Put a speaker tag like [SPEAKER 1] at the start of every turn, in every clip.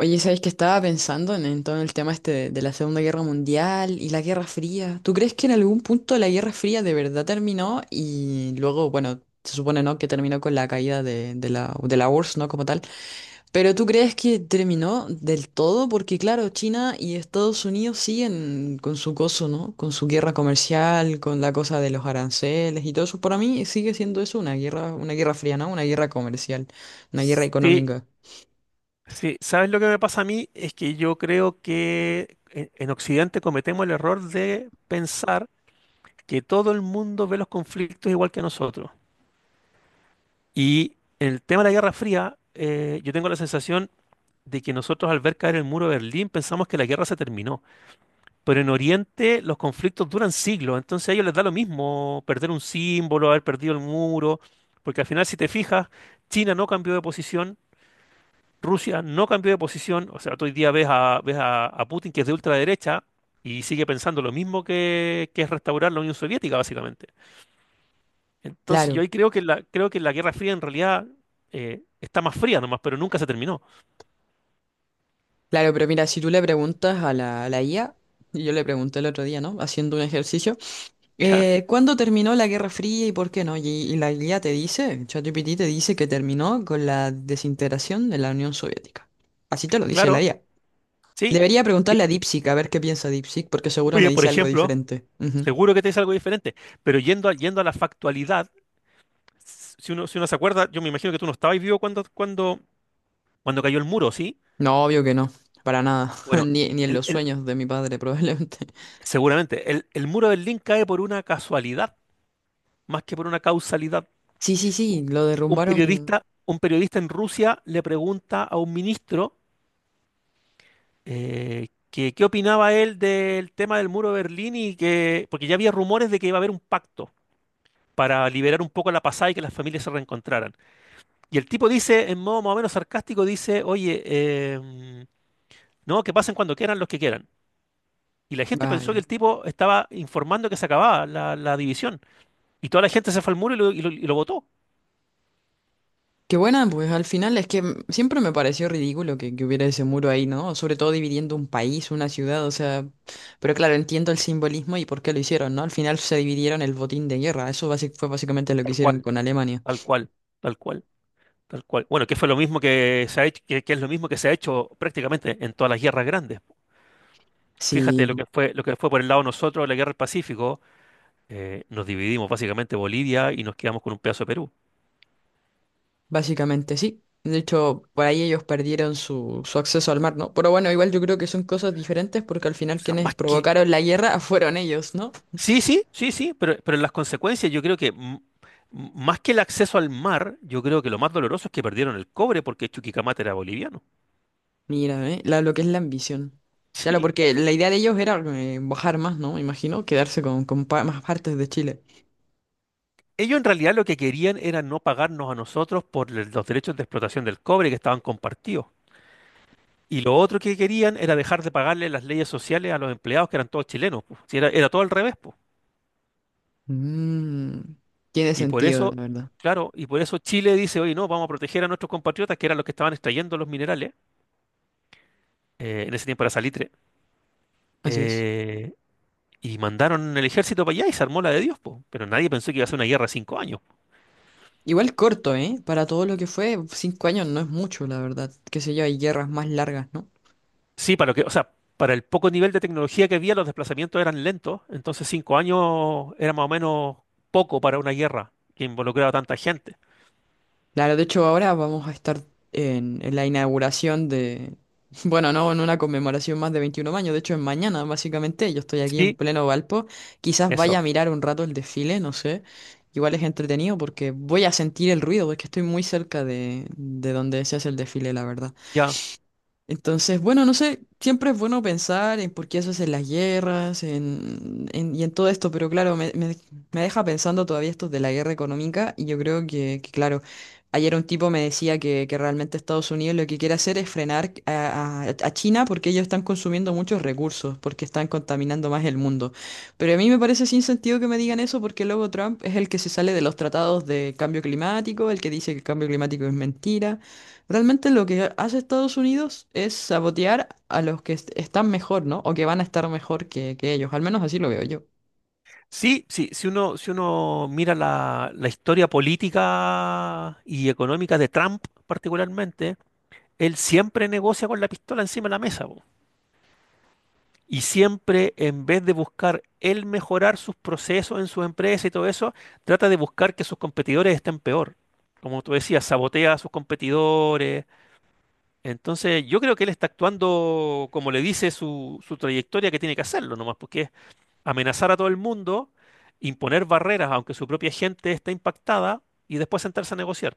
[SPEAKER 1] Oye, ¿sabes que estaba pensando en todo el tema este de la Segunda Guerra Mundial y la Guerra Fría? ¿Tú crees que en algún punto la Guerra Fría de verdad terminó y luego, bueno, se supone, ¿no?, que terminó con la caída de la URSS, ¿no?, como tal. Pero ¿tú crees que terminó del todo? Porque claro, China y Estados Unidos siguen con su coso, ¿no? Con su guerra comercial, con la cosa de los aranceles y todo eso. Para mí sigue siendo eso una guerra fría, ¿no? Una guerra comercial, una guerra
[SPEAKER 2] Sí,
[SPEAKER 1] económica.
[SPEAKER 2] sí. ¿Sabes lo que me pasa a mí? Es que yo creo que en Occidente cometemos el error de pensar que todo el mundo ve los conflictos igual que nosotros. Y en el tema de la Guerra Fría, yo tengo la sensación de que nosotros al ver caer el muro de Berlín pensamos que la guerra se terminó. Pero en Oriente los conflictos duran siglos, entonces a ellos les da lo mismo perder un símbolo, haber perdido el muro, porque al final si te fijas, China no cambió de posición. Rusia no cambió de posición, o sea, tú hoy día a Putin, que es de ultraderecha y sigue pensando lo mismo que es restaurar la Unión Soviética, básicamente. Entonces
[SPEAKER 1] Claro.
[SPEAKER 2] yo ahí creo que la Guerra Fría en realidad está más fría nomás, pero nunca se terminó.
[SPEAKER 1] Claro, pero mira, si tú le preguntas a la IA, y yo le pregunté el otro día, ¿no? Haciendo un ejercicio,
[SPEAKER 2] Ya,
[SPEAKER 1] ¿cuándo terminó la Guerra Fría y por qué no? Y la IA te dice, ChatGPT te dice que terminó con la desintegración de la Unión Soviética. Así te lo dice la
[SPEAKER 2] claro,
[SPEAKER 1] IA.
[SPEAKER 2] sí,
[SPEAKER 1] Debería preguntarle
[SPEAKER 2] sí.
[SPEAKER 1] a DeepSeek a ver qué piensa DeepSeek, porque seguro me
[SPEAKER 2] Oye, por
[SPEAKER 1] dice algo
[SPEAKER 2] ejemplo,
[SPEAKER 1] diferente. Ujú.
[SPEAKER 2] seguro que te dice algo diferente, pero yendo a la factualidad, si uno se acuerda, yo me imagino que tú no estabas vivo cuando cayó el muro, ¿sí?
[SPEAKER 1] No, obvio que no, para nada,
[SPEAKER 2] Bueno,
[SPEAKER 1] ni en
[SPEAKER 2] el,
[SPEAKER 1] los
[SPEAKER 2] el-
[SPEAKER 1] sueños de mi padre probablemente.
[SPEAKER 2] seguramente, el muro del Berlín cae por una casualidad, más que por una causalidad.
[SPEAKER 1] Sí, sí,
[SPEAKER 2] Un
[SPEAKER 1] sí, lo
[SPEAKER 2] un
[SPEAKER 1] derrumbaron.
[SPEAKER 2] periodista, un periodista en Rusia le pregunta a un ministro que qué opinaba él del tema del muro de Berlín y porque ya había rumores de que iba a haber un pacto para liberar un poco la pasada y que las familias se reencontraran. Y el tipo dice, en modo más o menos sarcástico, dice, oye, no, que pasen cuando quieran los que quieran. Y la gente pensó que
[SPEAKER 1] Vaya.
[SPEAKER 2] el tipo estaba informando que se acababa la división. Y toda la gente se fue al muro y lo votó.
[SPEAKER 1] Qué buena, pues al final es que siempre me pareció ridículo que hubiera ese muro ahí, ¿no? Sobre todo dividiendo un país, una ciudad, o sea, pero claro, entiendo el simbolismo y por qué lo hicieron, ¿no? Al final se dividieron el botín de guerra, eso fue básicamente lo que
[SPEAKER 2] Tal
[SPEAKER 1] hicieron
[SPEAKER 2] cual,
[SPEAKER 1] con Alemania.
[SPEAKER 2] tal cual, tal cual. Tal cual. Bueno, que fue lo mismo que se ha hecho, que es lo mismo que se ha hecho prácticamente en todas las guerras grandes.
[SPEAKER 1] Sí,
[SPEAKER 2] Fíjate lo que fue, lo que fue por el lado de nosotros la guerra del Pacífico, nos dividimos básicamente Bolivia y nos quedamos con un pedazo de Perú.
[SPEAKER 1] básicamente sí. De hecho, por ahí ellos perdieron su, su acceso al mar, ¿no? Pero bueno, igual yo creo que son cosas diferentes porque al
[SPEAKER 2] O
[SPEAKER 1] final
[SPEAKER 2] sea,
[SPEAKER 1] quienes
[SPEAKER 2] más que.
[SPEAKER 1] provocaron la guerra fueron ellos, ¿no?
[SPEAKER 2] Sí, sí, sí, sí, pero en las consecuencias yo creo que más que el acceso al mar, yo creo que lo más doloroso es que perdieron el cobre porque Chuquicamata era boliviano.
[SPEAKER 1] Mira, ¿eh? Lo que es la ambición. Claro,
[SPEAKER 2] Sí.
[SPEAKER 1] porque la idea de ellos era bajar más, ¿no? Me imagino, quedarse con más partes de Chile.
[SPEAKER 2] Ellos en realidad lo que querían era no pagarnos a nosotros por los derechos de explotación del cobre, que estaban compartidos. Y lo otro que querían era dejar de pagarle las leyes sociales a los empleados, que eran todos chilenos, po. Si era todo al revés, po.
[SPEAKER 1] Mm, tiene
[SPEAKER 2] Y por
[SPEAKER 1] sentido,
[SPEAKER 2] eso,
[SPEAKER 1] la verdad.
[SPEAKER 2] claro, y por eso Chile dice, oye, no, vamos a proteger a nuestros compatriotas, que eran los que estaban extrayendo los minerales, en ese tiempo era salitre,
[SPEAKER 1] Así es.
[SPEAKER 2] eh, y mandaron el ejército para allá y se armó la de Dios, po. Pero nadie pensó que iba a ser una guerra de 5 años.
[SPEAKER 1] Igual corto, ¿eh? Para todo lo que fue, 5 años no es mucho, la verdad. Qué sé yo, hay guerras más largas, ¿no?
[SPEAKER 2] Sí, para lo que, o sea, para el poco nivel de tecnología que había, los desplazamientos eran lentos, entonces 5 años era más o menos poco para una guerra que involucraba a tanta gente.
[SPEAKER 1] Claro, de hecho ahora vamos a estar en la inauguración de, bueno, no, en una conmemoración más de 21 años, de hecho es mañana básicamente, yo estoy aquí en
[SPEAKER 2] Sí,
[SPEAKER 1] pleno Valpo, quizás vaya
[SPEAKER 2] eso.
[SPEAKER 1] a mirar un rato el desfile, no sé, igual es entretenido porque voy a sentir el ruido, porque estoy muy cerca de donde se hace el desfile, la verdad.
[SPEAKER 2] Ya.
[SPEAKER 1] Entonces, bueno, no sé, siempre es bueno pensar en por qué se hacen las guerras y en todo esto, pero claro, me deja pensando todavía esto de la guerra económica y yo creo claro, ayer un tipo me decía que realmente Estados Unidos lo que quiere hacer es frenar a, a China porque ellos están consumiendo muchos recursos, porque están contaminando más el mundo. Pero a mí me parece sin sentido que me digan eso porque luego Trump es el que se sale de los tratados de cambio climático, el que dice que el cambio climático es mentira. Realmente lo que hace Estados Unidos es sabotear a los que están mejor, ¿no? O que van a estar mejor que ellos. Al menos así lo veo yo.
[SPEAKER 2] Sí, sí, si uno mira la historia política y económica de Trump particularmente, él siempre negocia con la pistola encima de la mesa, po. Y siempre, en vez de buscar él mejorar sus procesos en sus empresas y todo eso, trata de buscar que sus competidores estén peor. Como tú decías, sabotea a sus competidores. Entonces, yo creo que él está actuando como le dice su trayectoria que tiene que hacerlo nomás, porque amenazar a todo el mundo, imponer barreras aunque su propia gente esté impactada y después sentarse a negociar.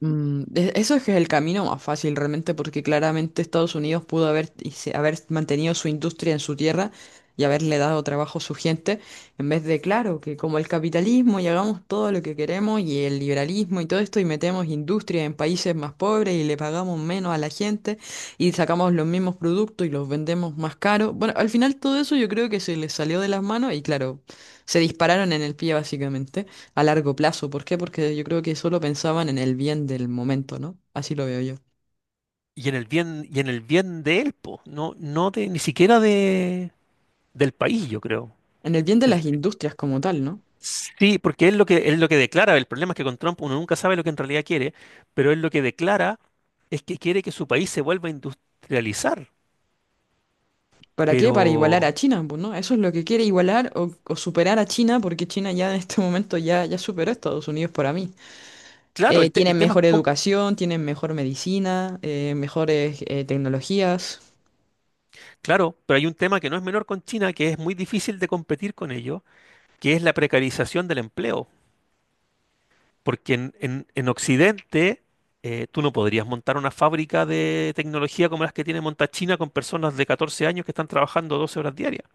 [SPEAKER 1] Mm, eso es que es el camino más fácil realmente, porque claramente Estados Unidos pudo haber, y haber mantenido su industria en su tierra y haberle dado trabajo a su gente, en vez de, claro, que como el capitalismo y hagamos todo lo que queremos y el liberalismo y todo esto y metemos industria en países más pobres y le pagamos menos a la gente y sacamos los mismos productos y los vendemos más caros. Bueno, al final todo eso yo creo que se les salió de las manos y claro, se dispararon en el pie básicamente a largo plazo. ¿Por qué? Porque yo creo que solo pensaban en el bien del momento, ¿no? Así lo veo yo.
[SPEAKER 2] Y en el bien de él, po, no, no de, ni siquiera de, del país, yo creo.
[SPEAKER 1] En el bien de
[SPEAKER 2] El-
[SPEAKER 1] las industrias como tal, ¿no?
[SPEAKER 2] sí, porque es lo que declara. El problema es que con Trump uno nunca sabe lo que en realidad quiere, pero él lo que declara es que quiere que su país se vuelva a industrializar.
[SPEAKER 1] ¿Para qué? Para igualar
[SPEAKER 2] Pero,
[SPEAKER 1] a China, pues, ¿no? Eso es lo que quiere igualar o superar a China, porque China ya en este momento ya superó a Estados Unidos para mí.
[SPEAKER 2] claro, el
[SPEAKER 1] Tienen
[SPEAKER 2] tema es
[SPEAKER 1] mejor
[SPEAKER 2] cómo-,
[SPEAKER 1] educación, tienen mejor medicina, mejores tecnologías.
[SPEAKER 2] claro, pero hay un tema que no es menor con China, que es muy difícil de competir con ello, que es la precarización del empleo. Porque en Occidente tú no podrías montar una fábrica de tecnología como las que tiene monta China con personas de 14 años que están trabajando 12 horas diarias.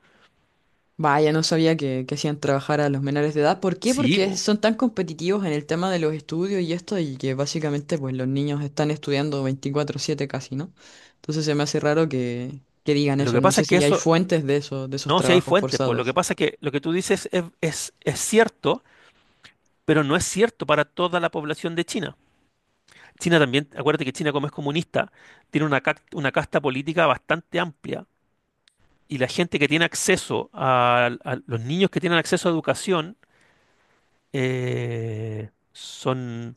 [SPEAKER 1] Vaya, no sabía que hacían trabajar a los menores de edad. ¿Por qué?
[SPEAKER 2] Sí,
[SPEAKER 1] Porque
[SPEAKER 2] po.
[SPEAKER 1] son tan competitivos en el tema de los estudios y esto, y que básicamente pues los niños están estudiando 24/7 casi, ¿no? Entonces se me hace raro que digan
[SPEAKER 2] Lo
[SPEAKER 1] eso.
[SPEAKER 2] que
[SPEAKER 1] No
[SPEAKER 2] pasa
[SPEAKER 1] sé
[SPEAKER 2] es que
[SPEAKER 1] si hay
[SPEAKER 2] eso,
[SPEAKER 1] fuentes de eso, de esos
[SPEAKER 2] no, si hay
[SPEAKER 1] trabajos
[SPEAKER 2] fuentes, pues lo que
[SPEAKER 1] forzados.
[SPEAKER 2] pasa es que lo que tú dices es cierto, pero no es cierto para toda la población de China. China también, acuérdate que China, como es comunista, tiene una casta política bastante amplia, y la gente que tiene acceso a los niños que tienen acceso a educación, eh, son,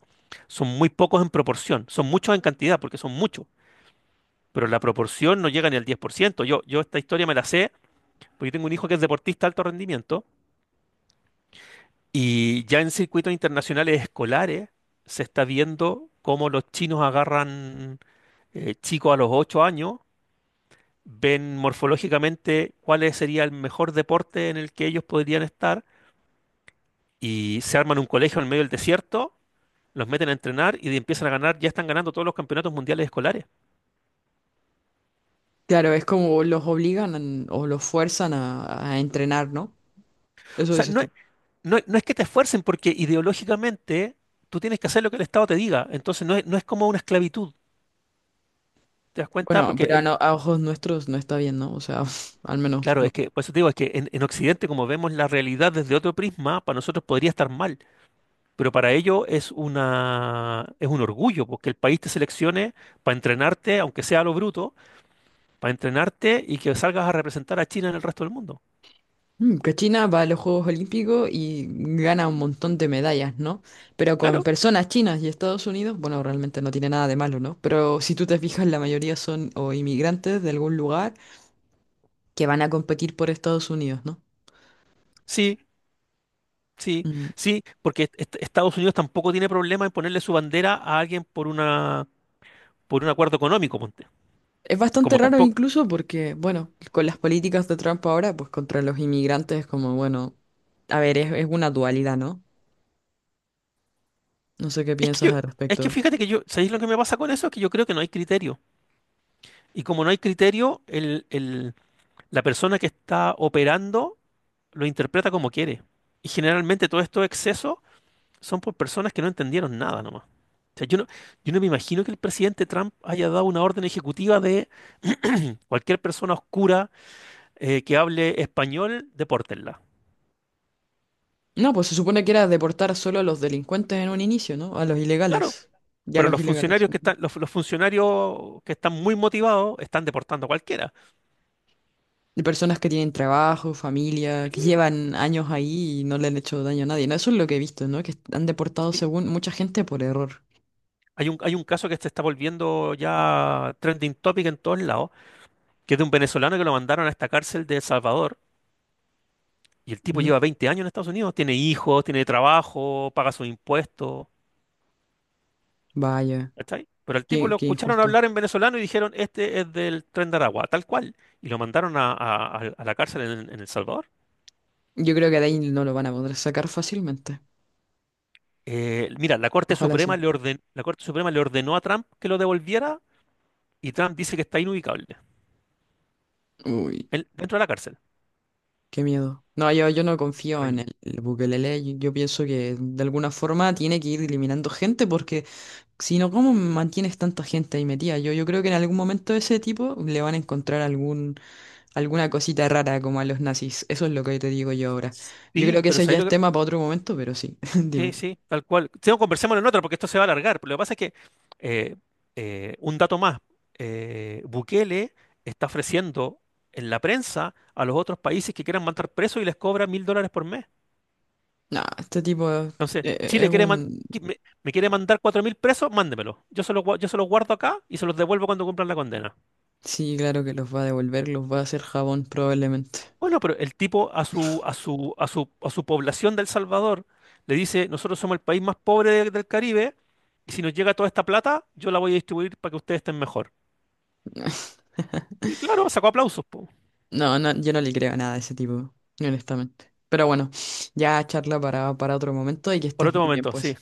[SPEAKER 2] son muy pocos en proporción, son muchos en cantidad porque son muchos, pero la proporción no llega ni al 10%. Yo esta historia me la sé porque tengo un hijo que es deportista de alto rendimiento, y ya en circuitos internacionales escolares se está viendo cómo los chinos agarran chicos a los 8 años, ven morfológicamente cuál sería el mejor deporte en el que ellos podrían estar y se arman un colegio en medio del desierto. Los meten a entrenar y empiezan a ganar, ya están ganando todos los campeonatos mundiales escolares.
[SPEAKER 1] Claro, es como los obligan o los fuerzan a entrenar, ¿no?
[SPEAKER 2] O
[SPEAKER 1] Eso
[SPEAKER 2] sea,
[SPEAKER 1] dices
[SPEAKER 2] no es,
[SPEAKER 1] tú.
[SPEAKER 2] no, es no es que te esfuercen, porque ideológicamente tú tienes que hacer lo que el Estado te diga. Entonces no es como una esclavitud, ¿te das cuenta?
[SPEAKER 1] Bueno,
[SPEAKER 2] Porque
[SPEAKER 1] pero a,
[SPEAKER 2] el,
[SPEAKER 1] a ojos nuestros no está bien, ¿no? O sea, al menos
[SPEAKER 2] claro, es
[SPEAKER 1] no.
[SPEAKER 2] que, por eso te digo, es que en Occidente, como vemos la realidad desde otro prisma, para nosotros podría estar mal. Pero para ellos es una, es un orgullo, porque el país te seleccione para entrenarte, aunque sea a lo bruto, para entrenarte y que salgas a representar a China en el resto del mundo.
[SPEAKER 1] Mm, que China va a los Juegos Olímpicos y gana un montón de medallas, ¿no? Pero con
[SPEAKER 2] Claro,
[SPEAKER 1] personas chinas y Estados Unidos, bueno, realmente no tiene nada de malo, ¿no? Pero si tú te fijas, la mayoría son o inmigrantes de algún lugar que van a competir por Estados Unidos, ¿no?
[SPEAKER 2] sí, sí,
[SPEAKER 1] Mm,
[SPEAKER 2] sí, porque Estados Unidos tampoco tiene problema en ponerle su bandera a alguien por una por un acuerdo económico, ponte.
[SPEAKER 1] es bastante
[SPEAKER 2] Como
[SPEAKER 1] raro
[SPEAKER 2] tampoco.
[SPEAKER 1] incluso porque, bueno, con las políticas de Trump ahora, pues contra los inmigrantes es como, bueno, a ver, es una dualidad, ¿no? No sé qué
[SPEAKER 2] Es que
[SPEAKER 1] piensas
[SPEAKER 2] yo,
[SPEAKER 1] al
[SPEAKER 2] es que
[SPEAKER 1] respecto.
[SPEAKER 2] fíjate que yo, ¿sabéis lo que me pasa con eso? Es que yo creo que no hay criterio. Y como no hay criterio, la persona que está operando lo interpreta como quiere. Y generalmente todos estos excesos son por personas que no entendieron nada nomás. O sea, yo no me imagino que el presidente Trump haya dado una orden ejecutiva de cualquier persona oscura que hable español, depórtenla.
[SPEAKER 1] No, pues se supone que era deportar solo a los delincuentes en un inicio, ¿no? A los
[SPEAKER 2] Claro,
[SPEAKER 1] ilegales. Ya a
[SPEAKER 2] pero
[SPEAKER 1] los
[SPEAKER 2] los
[SPEAKER 1] ilegales.
[SPEAKER 2] funcionarios que
[SPEAKER 1] De
[SPEAKER 2] están, los, los funcionarios que están muy motivados están deportando a cualquiera.
[SPEAKER 1] personas que tienen trabajo, familia, que
[SPEAKER 2] Sí,
[SPEAKER 1] llevan años
[SPEAKER 2] sí,
[SPEAKER 1] ahí y no le han hecho daño a nadie. No, eso es lo que he visto, ¿no? Que han deportado
[SPEAKER 2] sí.
[SPEAKER 1] según mucha gente por error.
[SPEAKER 2] Hay un caso que se está volviendo ya trending topic en todos lados, que es de un venezolano que lo mandaron a esta cárcel de El Salvador. Y el tipo
[SPEAKER 1] Ujú.
[SPEAKER 2] lleva 20 años en Estados Unidos, tiene hijos, tiene trabajo, paga sus impuestos.
[SPEAKER 1] Vaya,
[SPEAKER 2] ¿Cachai? Pero al tipo
[SPEAKER 1] qué,
[SPEAKER 2] lo
[SPEAKER 1] qué
[SPEAKER 2] escucharon
[SPEAKER 1] injusto.
[SPEAKER 2] hablar en venezolano y dijeron, este es del Tren de Aragua, tal cual. Y lo mandaron a la cárcel en El Salvador.
[SPEAKER 1] Yo creo que de ahí no lo van a poder sacar fácilmente.
[SPEAKER 2] Mira, la Corte
[SPEAKER 1] Ojalá
[SPEAKER 2] Suprema
[SPEAKER 1] sí.
[SPEAKER 2] le orden- la Corte Suprema le ordenó a Trump que lo devolviera, y Trump dice que está inubicable,
[SPEAKER 1] Uy,
[SPEAKER 2] él dentro de la cárcel.
[SPEAKER 1] qué miedo. No, yo no confío en
[SPEAKER 2] Terrible.
[SPEAKER 1] el Bukelele. Yo pienso que de alguna forma tiene que ir eliminando gente porque sino, ¿cómo mantienes tanta gente ahí metida? Yo creo que en algún momento ese tipo le van a encontrar algún, alguna cosita rara como a los nazis. Eso es lo que te digo yo ahora. Yo creo
[SPEAKER 2] Sí,
[SPEAKER 1] que
[SPEAKER 2] pero
[SPEAKER 1] ese ya
[SPEAKER 2] ¿sabes lo
[SPEAKER 1] es
[SPEAKER 2] que...?
[SPEAKER 1] tema para otro momento, pero sí,
[SPEAKER 2] Sí,
[SPEAKER 1] dime.
[SPEAKER 2] sí, tal cual. Tengo no, conversémoslo en otra porque esto se va a alargar. Pero lo que pasa es que, eh, un dato más, Bukele está ofreciendo en la prensa a los otros países que quieran mandar presos, y les cobra $1.000 por mes.
[SPEAKER 1] No, este tipo es,
[SPEAKER 2] Chile
[SPEAKER 1] es
[SPEAKER 2] quiere man-
[SPEAKER 1] un...
[SPEAKER 2] qui- me quiere mandar 4.000 presos, mándemelo. Yo se los guardo acá y se los devuelvo cuando cumplan la condena.
[SPEAKER 1] Sí, claro que los va a devolver, los va a hacer jabón probablemente.
[SPEAKER 2] Bueno, pero el tipo a su población de El Salvador le dice, nosotros somos el país más pobre del Caribe, y si nos llega toda esta plata, yo la voy a distribuir para que ustedes estén mejor. Y claro, sacó aplausos, po.
[SPEAKER 1] No, no, yo no le creo nada a ese tipo, honestamente. Pero bueno, ya charla para otro momento y que
[SPEAKER 2] Por
[SPEAKER 1] estés
[SPEAKER 2] otro
[SPEAKER 1] muy bien,
[SPEAKER 2] momento, sí.
[SPEAKER 1] pues.